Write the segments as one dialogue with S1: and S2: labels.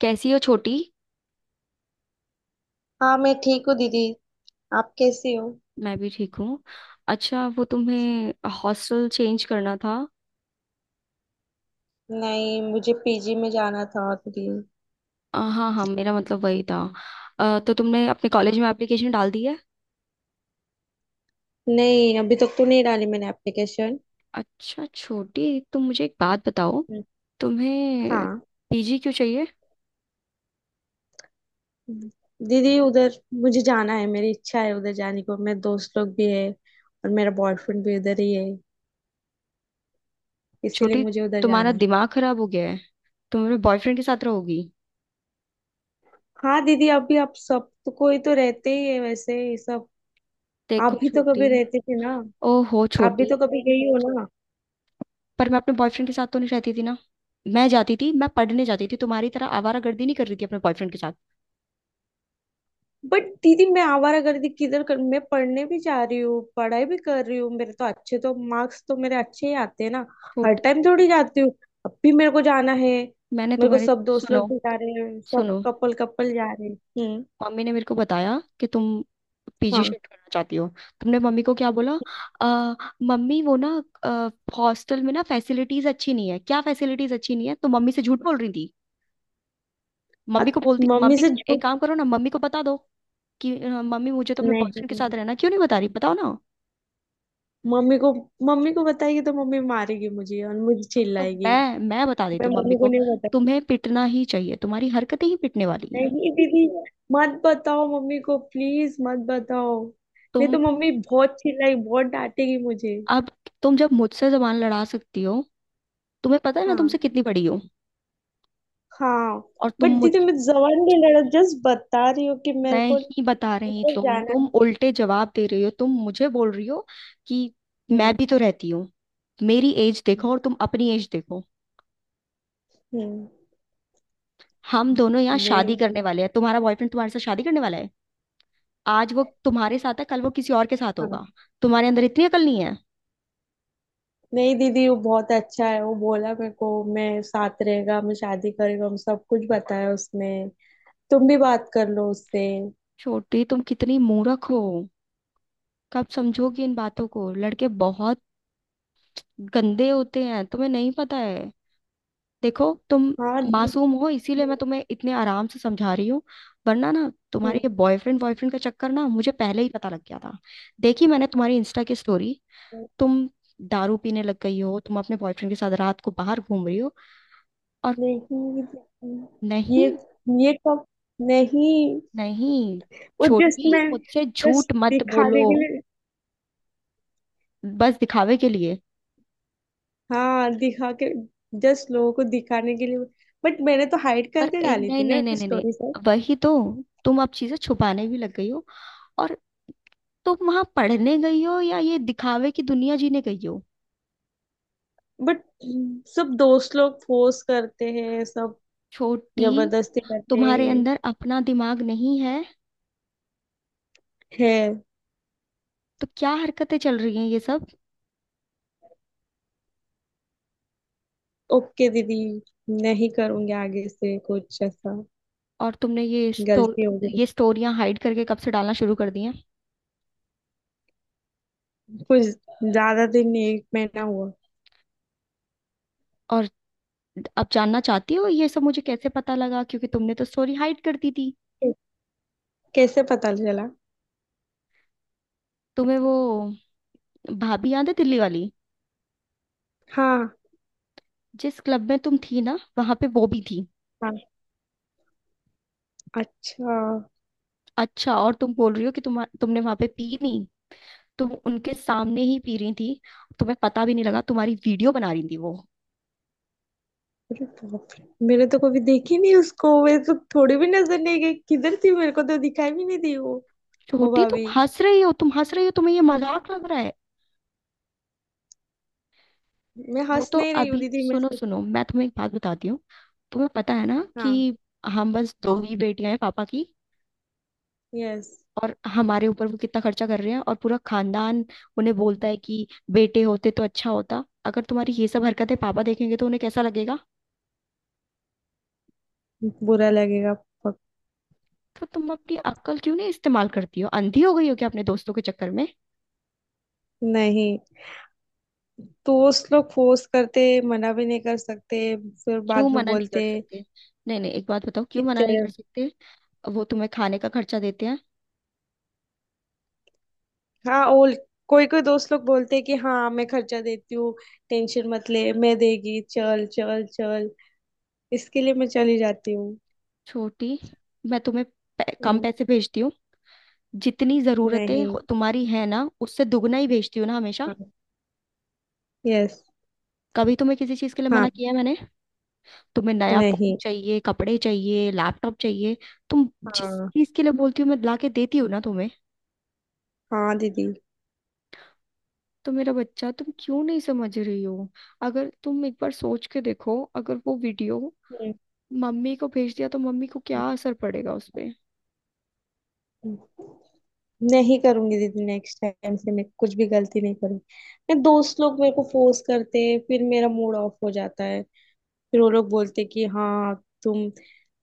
S1: कैसी हो छोटी।
S2: हाँ, मैं ठीक हूँ दीदी। आप कैसी हो?
S1: मैं भी ठीक हूँ। अच्छा, वो तुम्हें हॉस्टल चेंज करना था।
S2: नहीं, मुझे पीजी में जाना था दीदी।
S1: हाँ हाँ, मेरा मतलब वही था। तो तुमने अपने कॉलेज में एप्लीकेशन डाल दी है।
S2: नहीं, अभी तक तो नहीं डाली मैंने एप्लीकेशन।
S1: अच्छा छोटी, तुम मुझे एक बात बताओ। तुम्हें
S2: हाँ
S1: पीजी क्यों चाहिए।
S2: दीदी, उधर मुझे जाना है, मेरी इच्छा है उधर जाने को। मेरे दोस्त लोग भी है और मेरा बॉयफ्रेंड भी उधर ही है, इसीलिए
S1: छोटी,
S2: मुझे उधर
S1: तुम्हारा
S2: जाना है।
S1: दिमाग खराब हो गया है। तुम अपने बॉयफ्रेंड के साथ रहोगी।
S2: हाँ दीदी, अभी आप सब तो कोई तो रहते ही है वैसे ये सब। आप
S1: देखो
S2: भी तो कभी
S1: छोटी।
S2: रहते थे ना।
S1: ओहो
S2: आप भी
S1: छोटी।
S2: तो कभी गई हो।
S1: पर मैं अपने बॉयफ्रेंड के साथ तो नहीं रहती थी ना। मैं जाती थी, मैं पढ़ने जाती थी, तुम्हारी तरह आवारागर्दी नहीं कर रही थी अपने बॉयफ्रेंड के साथ।
S2: बट दीदी, मैं आवारागर्दी किधर कर? मैं पढ़ने भी जा रही हूँ, पढ़ाई भी कर रही हूँ, मेरे तो अच्छे तो मार्क्स तो मेरे अच्छे ही आते हैं ना। हर टाइम थोड़ी जाती हूँ। अब भी मेरे को जाना है।
S1: मैंने
S2: मेरे को
S1: तुम्हारे
S2: सब दोस्त लोग
S1: सुनो।
S2: भी जा रहे हैं, सब
S1: सुनो,
S2: कपल कपल जा रहे हैं। हम्म।
S1: मम्मी ने मेरे को बताया कि तुम पीजी
S2: हाँ।
S1: शिफ्ट करना चाहती हो। तुमने मम्मी को क्या बोला। आ, मम्मी वो ना हॉस्टल में ना फैसिलिटीज अच्छी नहीं है, क्या फैसिलिटीज अच्छी नहीं है, तो मम्मी से झूठ बोल रही थी।
S2: हाँ,
S1: मम्मी को बोलती
S2: मम्मी
S1: मम्मी,
S2: से
S1: एक
S2: झूठ।
S1: काम करो ना, मम्मी को बता दो कि मम्मी मुझे तो अपने बॉयफ्रेंड के
S2: नहीं।
S1: साथ रहना, क्यों नहीं बता रही, बताओ ना।
S2: मम्मी को मम्मी को बताएगी तो मम्मी मारेगी मुझे और मुझे
S1: तो
S2: चिल्लाएगी।
S1: मैं बता
S2: मैं
S1: देती हूँ मम्मी
S2: मम्मी को
S1: को।
S2: नहीं।
S1: तुम्हें पिटना ही चाहिए, तुम्हारी हरकतें ही पिटने वाली हैं।
S2: नहीं दीदी, मत बताओ मम्मी को, प्लीज मत बताओ। नहीं
S1: तुम
S2: तो मम्मी बहुत चिल्लाई, बहुत डांटेगी मुझे।
S1: अब, तुम जब मुझसे जबान लड़ा सकती हो, तुम्हें पता है मैं तुमसे
S2: हाँ,
S1: कितनी बड़ी हूँ।
S2: हाँ।
S1: और
S2: बट
S1: तुम मुझ,
S2: दीदी, मैं जबान नहीं लड़ा, जस्ट बता रही हूँ कि मेरे को
S1: नहीं बता रही,
S2: उधर
S1: तुम
S2: जाना
S1: तुम
S2: है।
S1: उल्टे जवाब दे रही हो, तुम मुझे बोल रही हो कि मैं
S2: हम्म।
S1: भी तो रहती हूँ। मेरी एज देखो और तुम अपनी एज देखो।
S2: हम्म।
S1: हम दोनों यहाँ
S2: नहीं
S1: शादी करने
S2: दीदी।
S1: वाले हैं, तुम्हारा बॉयफ्रेंड तुम्हारे साथ शादी करने वाला है। आज वो तुम्हारे साथ है, कल वो किसी और के साथ
S2: हाँ।
S1: होगा। तुम्हारे अंदर इतनी अकल नहीं है।
S2: नहीं दीदी, वो बहुत अच्छा है, वो बोला मेरे को। मैं साथ रहेगा, मैं शादी करेगा, हम सब कुछ बताया उसने। तुम भी बात कर लो उससे।
S1: छोटी तुम कितनी मूर्ख हो। कब समझोगी इन बातों को। लड़के बहुत गंदे होते हैं, तुम्हें नहीं पता है। देखो, तुम
S2: हाँ दीदी।
S1: मासूम हो, इसीलिए मैं तुम्हें इतने आराम से समझा रही हूँ। वरना ना तुम्हारे
S2: हम्म।
S1: ये बॉयफ्रेंड बॉयफ्रेंड का चक्कर ना मुझे पहले ही पता लग गया था। देखी मैंने तुम्हारी इंस्टा की स्टोरी। तुम दारू पीने लग गई हो, तुम अपने बॉयफ्रेंड के साथ रात को बाहर घूम रही हो। और
S2: नहीं। ये
S1: नहीं
S2: ये कब? नहीं।
S1: नहीं,
S2: वो जस्ट
S1: छोटी
S2: मैं,
S1: मुझसे
S2: जस्ट
S1: झूठ मत बोलो।
S2: दिखाने के लिए।
S1: बस दिखावे के लिए।
S2: हाँ, दिखा के, जस्ट लोगों को दिखाने के लिए। बट मैंने तो हाइड
S1: पर
S2: करके
S1: ए,
S2: डाली
S1: नहीं
S2: थी
S1: नहीं
S2: ना
S1: नहीं नहीं नहीं
S2: स्टोरी से।
S1: वही तो, तुम अब चीजें छुपाने भी लग गई हो। और तुम वहां पढ़ने गई हो या ये दिखावे की दुनिया जीने गई हो।
S2: बट सब दोस्त लोग फोर्स करते हैं, सब
S1: छोटी
S2: जबरदस्ती करते
S1: तुम्हारे अंदर अपना दिमाग नहीं है।
S2: हैं।
S1: तो क्या हरकतें चल रही हैं ये सब।
S2: ओके दीदी, नहीं करूंगी आगे से कुछ ऐसा।
S1: और तुमने ये स्टो,
S2: गलती हो गई।
S1: ये स्टोरियां हाइड करके कब से डालना शुरू कर दी हैं।
S2: कुछ ज्यादा दिन नहीं, एक महीना हुआ।
S1: और अब जानना चाहती हो ये सब मुझे कैसे पता लगा, क्योंकि तुमने तो स्टोरी हाइड कर दी थी।
S2: कैसे पता चला?
S1: तुम्हें वो भाभी याद है दिल्ली वाली,
S2: हाँ।
S1: जिस क्लब में तुम थी ना, वहां पे वो भी थी।
S2: हाँ। अच्छा।
S1: अच्छा, और तुम बोल रही हो कि तुमने वहां पे पी नहीं। तुम उनके सामने ही पी रही थी, तुम्हें पता भी नहीं लगा, तुम्हारी वीडियो बना रही थी वो।
S2: अरे बाप रे! मैंने तो कभी देखी नहीं उसको, मैं तो थोड़ी भी नजर नहीं गई किधर थी, मेरे को तो दिखाई भी नहीं दी वो। ओ
S1: छोटी तुम
S2: भाभी,
S1: हंस रही हो, तुम हंस रही हो, तुम्हें ये मजाक लग रहा है।
S2: मैं
S1: वो
S2: हंस
S1: तो
S2: नहीं रही हूँ
S1: अभी,
S2: दीदी, मैं
S1: सुनो
S2: सच-
S1: सुनो, मैं तुम्हें एक बात बताती हूँ। तुम्हें पता है ना कि
S2: हाँ।
S1: हम बस दो ही बेटियां हैं पापा की,
S2: यस।
S1: और हमारे ऊपर वो कितना खर्चा कर रहे हैं। और पूरा खानदान उन्हें बोलता है कि बेटे होते तो अच्छा होता। अगर तुम्हारी ये सब हरकतें पापा देखेंगे तो उन्हें कैसा लगेगा।
S2: बुरा लगेगा। पक-
S1: तो तुम अपनी अक्ल क्यों नहीं इस्तेमाल करती हो, अंधी हो गई हो क्या अपने दोस्तों के चक्कर में।
S2: नहीं, दोस्त लोग फोर्स करते, मना भी नहीं कर सकते, फिर
S1: क्यों
S2: बाद में
S1: मना नहीं
S2: बोलते
S1: कर सकते। नहीं नहीं, एक बात बताओ,
S2: कि
S1: क्यों मना
S2: ते-
S1: नहीं कर सकते। वो तुम्हें खाने का खर्चा देते हैं।
S2: हाँ, और कोई कोई दोस्त लोग बोलते कि हाँ, मैं खर्चा देती हूँ, टेंशन मत ले, मैं देगी, चल चल चल। इसके लिए मैं चली जाती हूँ।
S1: छोटी मैं तुम्हें पै- कम
S2: हम्म।
S1: पैसे भेजती हूँ। जितनी जरूरतें
S2: नहीं।
S1: हो- तुम्हारी है ना, उससे दुगना ही भेजती हूँ ना हमेशा।
S2: यस।
S1: कभी तुम्हें किसी चीज के लिए
S2: हाँ।
S1: मना किया है मैंने। तुम्हें नया फोन
S2: नहीं।
S1: चाहिए, कपड़े चाहिए, लैपटॉप चाहिए, तुम जिस
S2: हाँ।
S1: चीज के लिए बोलती हो, मैं ला के देती हूँ ना तुम्हें।
S2: हाँ दीदी।
S1: तो मेरा बच्चा, तुम क्यों नहीं समझ रही हो। अगर तुम एक बार सोच के देखो, अगर वो वीडियो
S2: हम्म,
S1: मम्मी को भेज दिया तो मम्मी को क्या
S2: हम्म,
S1: असर पड़ेगा उस पे।
S2: हम्म। नहीं करूंगी दीदी, नेक्स्ट टाइम से मैं कुछ भी गलती नहीं करूंगी। मैं दोस्त लोग मेरे को फोर्स करते हैं, फिर मेरा मूड ऑफ हो जाता है। फिर वो लोग बोलते हैं कि हाँ, तुम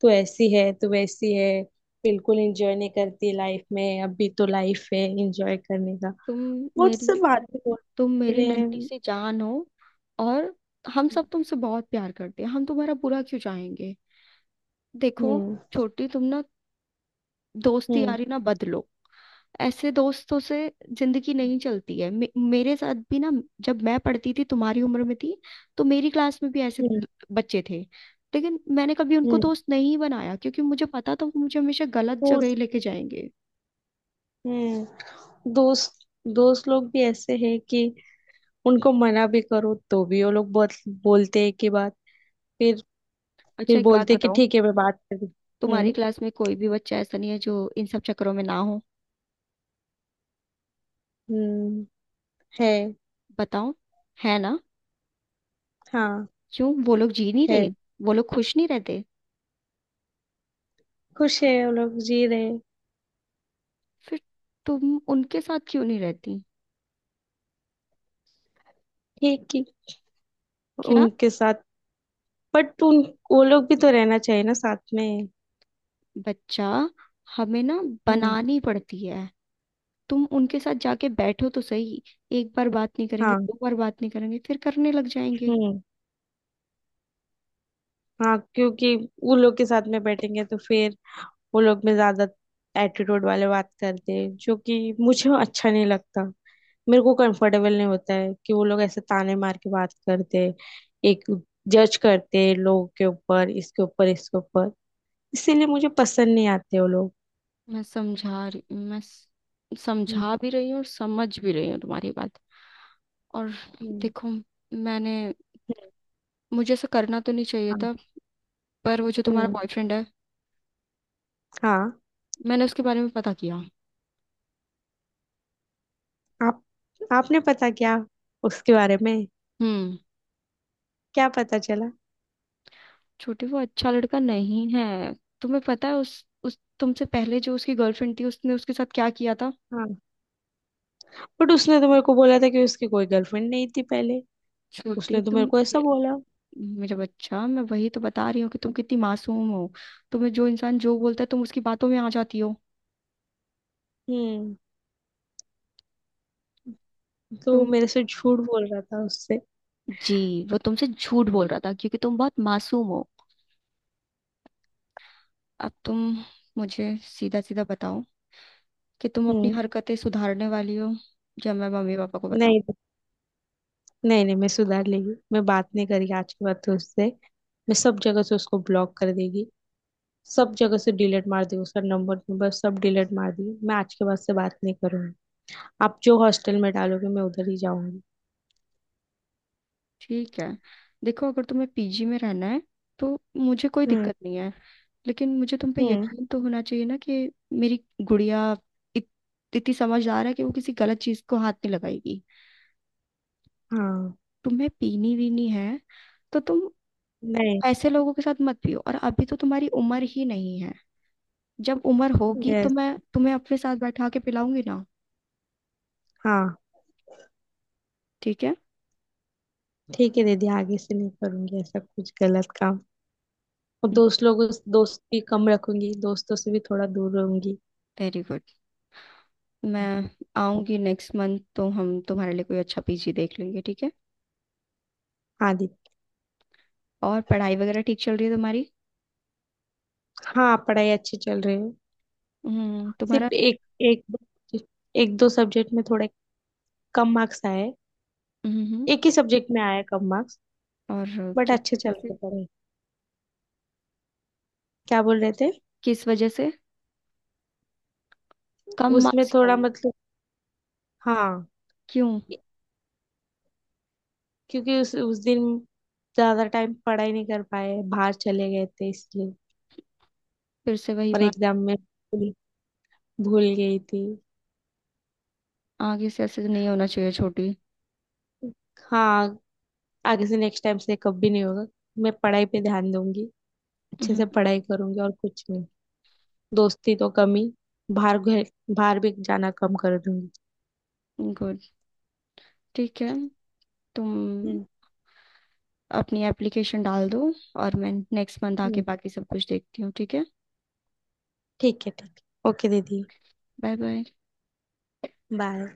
S2: तो ऐसी है, तू वैसी है, बिल्कुल एंजॉय नहीं करती लाइफ में, अभी तो लाइफ है एंजॉय करने का।
S1: तुम
S2: वो
S1: मेरी
S2: सब बातें
S1: तुम
S2: बोलने के
S1: मेरी
S2: लिए।
S1: नन्ही
S2: हम्म।
S1: सी जान हो, और हम सब तुमसे बहुत प्यार करते हैं, हम तुम्हारा बुरा क्यों चाहेंगे। देखो
S2: हम्म।
S1: छोटी, तुम ना दोस्ती
S2: हम्म।
S1: यारी ना बदलो। ऐसे दोस्तों से जिंदगी नहीं चलती है। मे मेरे साथ भी ना, जब मैं पढ़ती थी, तुम्हारी उम्र में थी, तो मेरी क्लास में भी ऐसे
S2: हम्म।
S1: ल- बच्चे थे, लेकिन मैंने कभी उनको
S2: हम्म,
S1: दोस्त नहीं बनाया, क्योंकि मुझे पता था वो मुझे हमेशा गलत
S2: हम्म,
S1: जगह ही लेके जाएंगे।
S2: हम्म। दोस्त दोस्त लोग भी ऐसे हैं कि उनको मना भी करो तो भी वो लोग बहुत बोलते हैं कि बात, फिर
S1: अच्छा
S2: फिर
S1: एक बात
S2: बोलते हैं कि
S1: बताओ,
S2: ठीक है मैं बात करूँ।
S1: तुम्हारी
S2: हम्म।
S1: क्लास में कोई भी बच्चा ऐसा नहीं है जो इन सब चक्करों में ना हो।
S2: हम्म। है।
S1: बताओ, है ना।
S2: हाँ।
S1: क्यों, वो लोग जी नहीं
S2: है।
S1: रहे। वो लोग खुश नहीं रहते।
S2: खुश है, वो लोग जी रहे हैं।
S1: फिर तुम उनके साथ क्यों नहीं रहती।
S2: ठीक ही
S1: क्या।
S2: उनके साथ, बट उन, वो लोग भी तो रहना चाहिए ना साथ में।
S1: बच्चा, हमें ना
S2: हम्म।
S1: बनानी पड़ती है। तुम उनके साथ जाके बैठो तो सही। एक बार बात नहीं करेंगे,
S2: हाँ।
S1: दो बार बात नहीं करेंगे, फिर करने लग जाएंगे।
S2: हम्म। हाँ, क्योंकि वो लोग के साथ में बैठेंगे तो फिर वो लोग में ज्यादा एटीट्यूड वाले बात करते हैं, जो कि मुझे अच्छा नहीं लगता। मेरे को कंफर्टेबल नहीं होता है कि वो लोग ऐसे ताने मार के बात करते, एक जज करते लोग के ऊपर, इसके ऊपर, इसके ऊपर। इसीलिए मुझे पसंद नहीं आते वो लोग।
S1: मैं समझा रही मैं स-
S2: हम्म।
S1: समझा भी रही हूँ और समझ भी रही हूँ तुम्हारी बात। और
S2: हम्म।
S1: देखो, मैंने, मुझे ऐसा करना तो नहीं चाहिए
S2: हम्म,
S1: था, पर वो जो तुम्हारा
S2: हम्म।
S1: बॉयफ्रेंड है,
S2: हाँ।
S1: मैंने उसके बारे में पता किया।
S2: आप आपने पता क्या उसके बारे में?
S1: हम्म।
S2: क्या पता चला?
S1: छोटी वो अच्छा लड़का नहीं है। तुम्हें पता है उस तुमसे पहले जो उसकी गर्लफ्रेंड थी, उसने उसके साथ क्या किया था।
S2: हाँ, बट उसने तो मेरे को बोला था कि उसकी कोई गर्लफ्रेंड नहीं थी पहले।
S1: छोटी
S2: उसने तो मेरे
S1: तुम
S2: को ऐसा
S1: ये,
S2: बोला।
S1: मेरा बच्चा, मैं वही तो बता रही हूँ कि तुम कितनी मासूम हो। तुम्हें जो इंसान जो बोलता है, तुम उसकी बातों में आ जाती हो।
S2: हम्म। तो
S1: तुम
S2: मेरे से झूठ बोल रहा था उससे।
S1: जी वो तुमसे झूठ बोल रहा था, क्योंकि तुम बहुत मासूम हो। अब तुम मुझे सीधा सीधा बताओ कि तुम अपनी
S2: हम्म।
S1: हरकतें सुधारने वाली हो, या मैं मम्मी पापा को बताऊं।
S2: नहीं, नहीं, नहीं। मैं सुधार लेगी, मैं बात नहीं करी आज के बाद तो उससे। मैं सब जगह से उसको ब्लॉक कर देगी। सब जगह से डिलीट मार देगी उसका नंबर नंबर सब डिलीट मार देगी। मैं आज के बाद से बात नहीं करूंगी। आप जो हॉस्टल में डालोगे मैं उधर ही जाऊंगी।
S1: ठीक है, देखो, अगर तुम्हें पीजी में रहना है, तो मुझे कोई
S2: हम्म।
S1: दिक्कत नहीं है। लेकिन मुझे तुम पे
S2: हम्म।
S1: यकीन तो होना चाहिए ना कि मेरी गुड़िया इत, इतनी समझदार है कि वो किसी गलत चीज को हाथ नहीं लगाएगी।
S2: हाँ।
S1: तुम्हें पीनी वीनी है तो तुम
S2: नहीं।
S1: ऐसे लोगों के साथ मत पियो, और अभी तो तुम्हारी उम्र ही नहीं है। जब उम्र होगी तो
S2: यस।
S1: मैं तुम्हें अपने साथ बैठा के पिलाऊंगी ना।
S2: हाँ।
S1: ठीक है।
S2: ठीक है दीदी, आगे से नहीं करूंगी ऐसा कुछ गलत काम। और दोस्त लोगों, दोस्त भी कम रखूंगी, दोस्तों से भी थोड़ा दूर रहूंगी।
S1: Very good. मैं आऊंगी नेक्स्ट मंथ, तो हम तुम्हारे लिए कोई अच्छा पीजी देख लेंगे, ठीक है।
S2: हाँ दीदी।
S1: और पढ़ाई वगैरह ठीक चल रही है तुम्हारी।
S2: हाँ, पढ़ाई अच्छी चल रही है।
S1: हम्म। तुम्हारा।
S2: सिर्फ एक, एक दो, एक दो सब्जेक्ट में थोड़ा कम मार्क्स आए।
S1: हम्म।
S2: एक ही सब्जेक्ट में आए कम मार्क्स।
S1: और
S2: बट
S1: किस
S2: अच्छे चल
S1: वजह
S2: रहे
S1: से,
S2: पढ़े। क्या बोल रहे थे?
S1: किस वजह से कम
S2: उसमें
S1: मार्क्स क्यों
S2: थोड़ा
S1: आए।
S2: मतलब। हाँ।
S1: क्यों।
S2: क्योंकि उस दिन ज्यादा टाइम पढ़ाई नहीं कर पाए, बाहर चले गए थे इसलिए।
S1: फिर से वही
S2: और
S1: बात,
S2: एग्जाम में भूल भूल गई थी।
S1: आगे से ऐसे नहीं होना चाहिए छोटी।
S2: हाँ, आगे से, नेक्स्ट टाइम से कभी नहीं होगा। मैं पढ़ाई पे ध्यान दूंगी। अच्छे से
S1: हम्म।
S2: पढ़ाई करूंगी और कुछ नहीं। दोस्ती तो कम ही, बाहर घे- बाहर भी जाना कम कर दूंगी।
S1: गुड, ठीक है। तुम
S2: हम्म।
S1: अपनी एप्लीकेशन डाल दो, और मैं नेक्स्ट मंथ आके
S2: हम्म।
S1: बाकी सब कुछ देखती हूँ, ठीक है।
S2: ठीक है, ठीक है, ओके दीदी।
S1: Bye bye.
S2: बाय।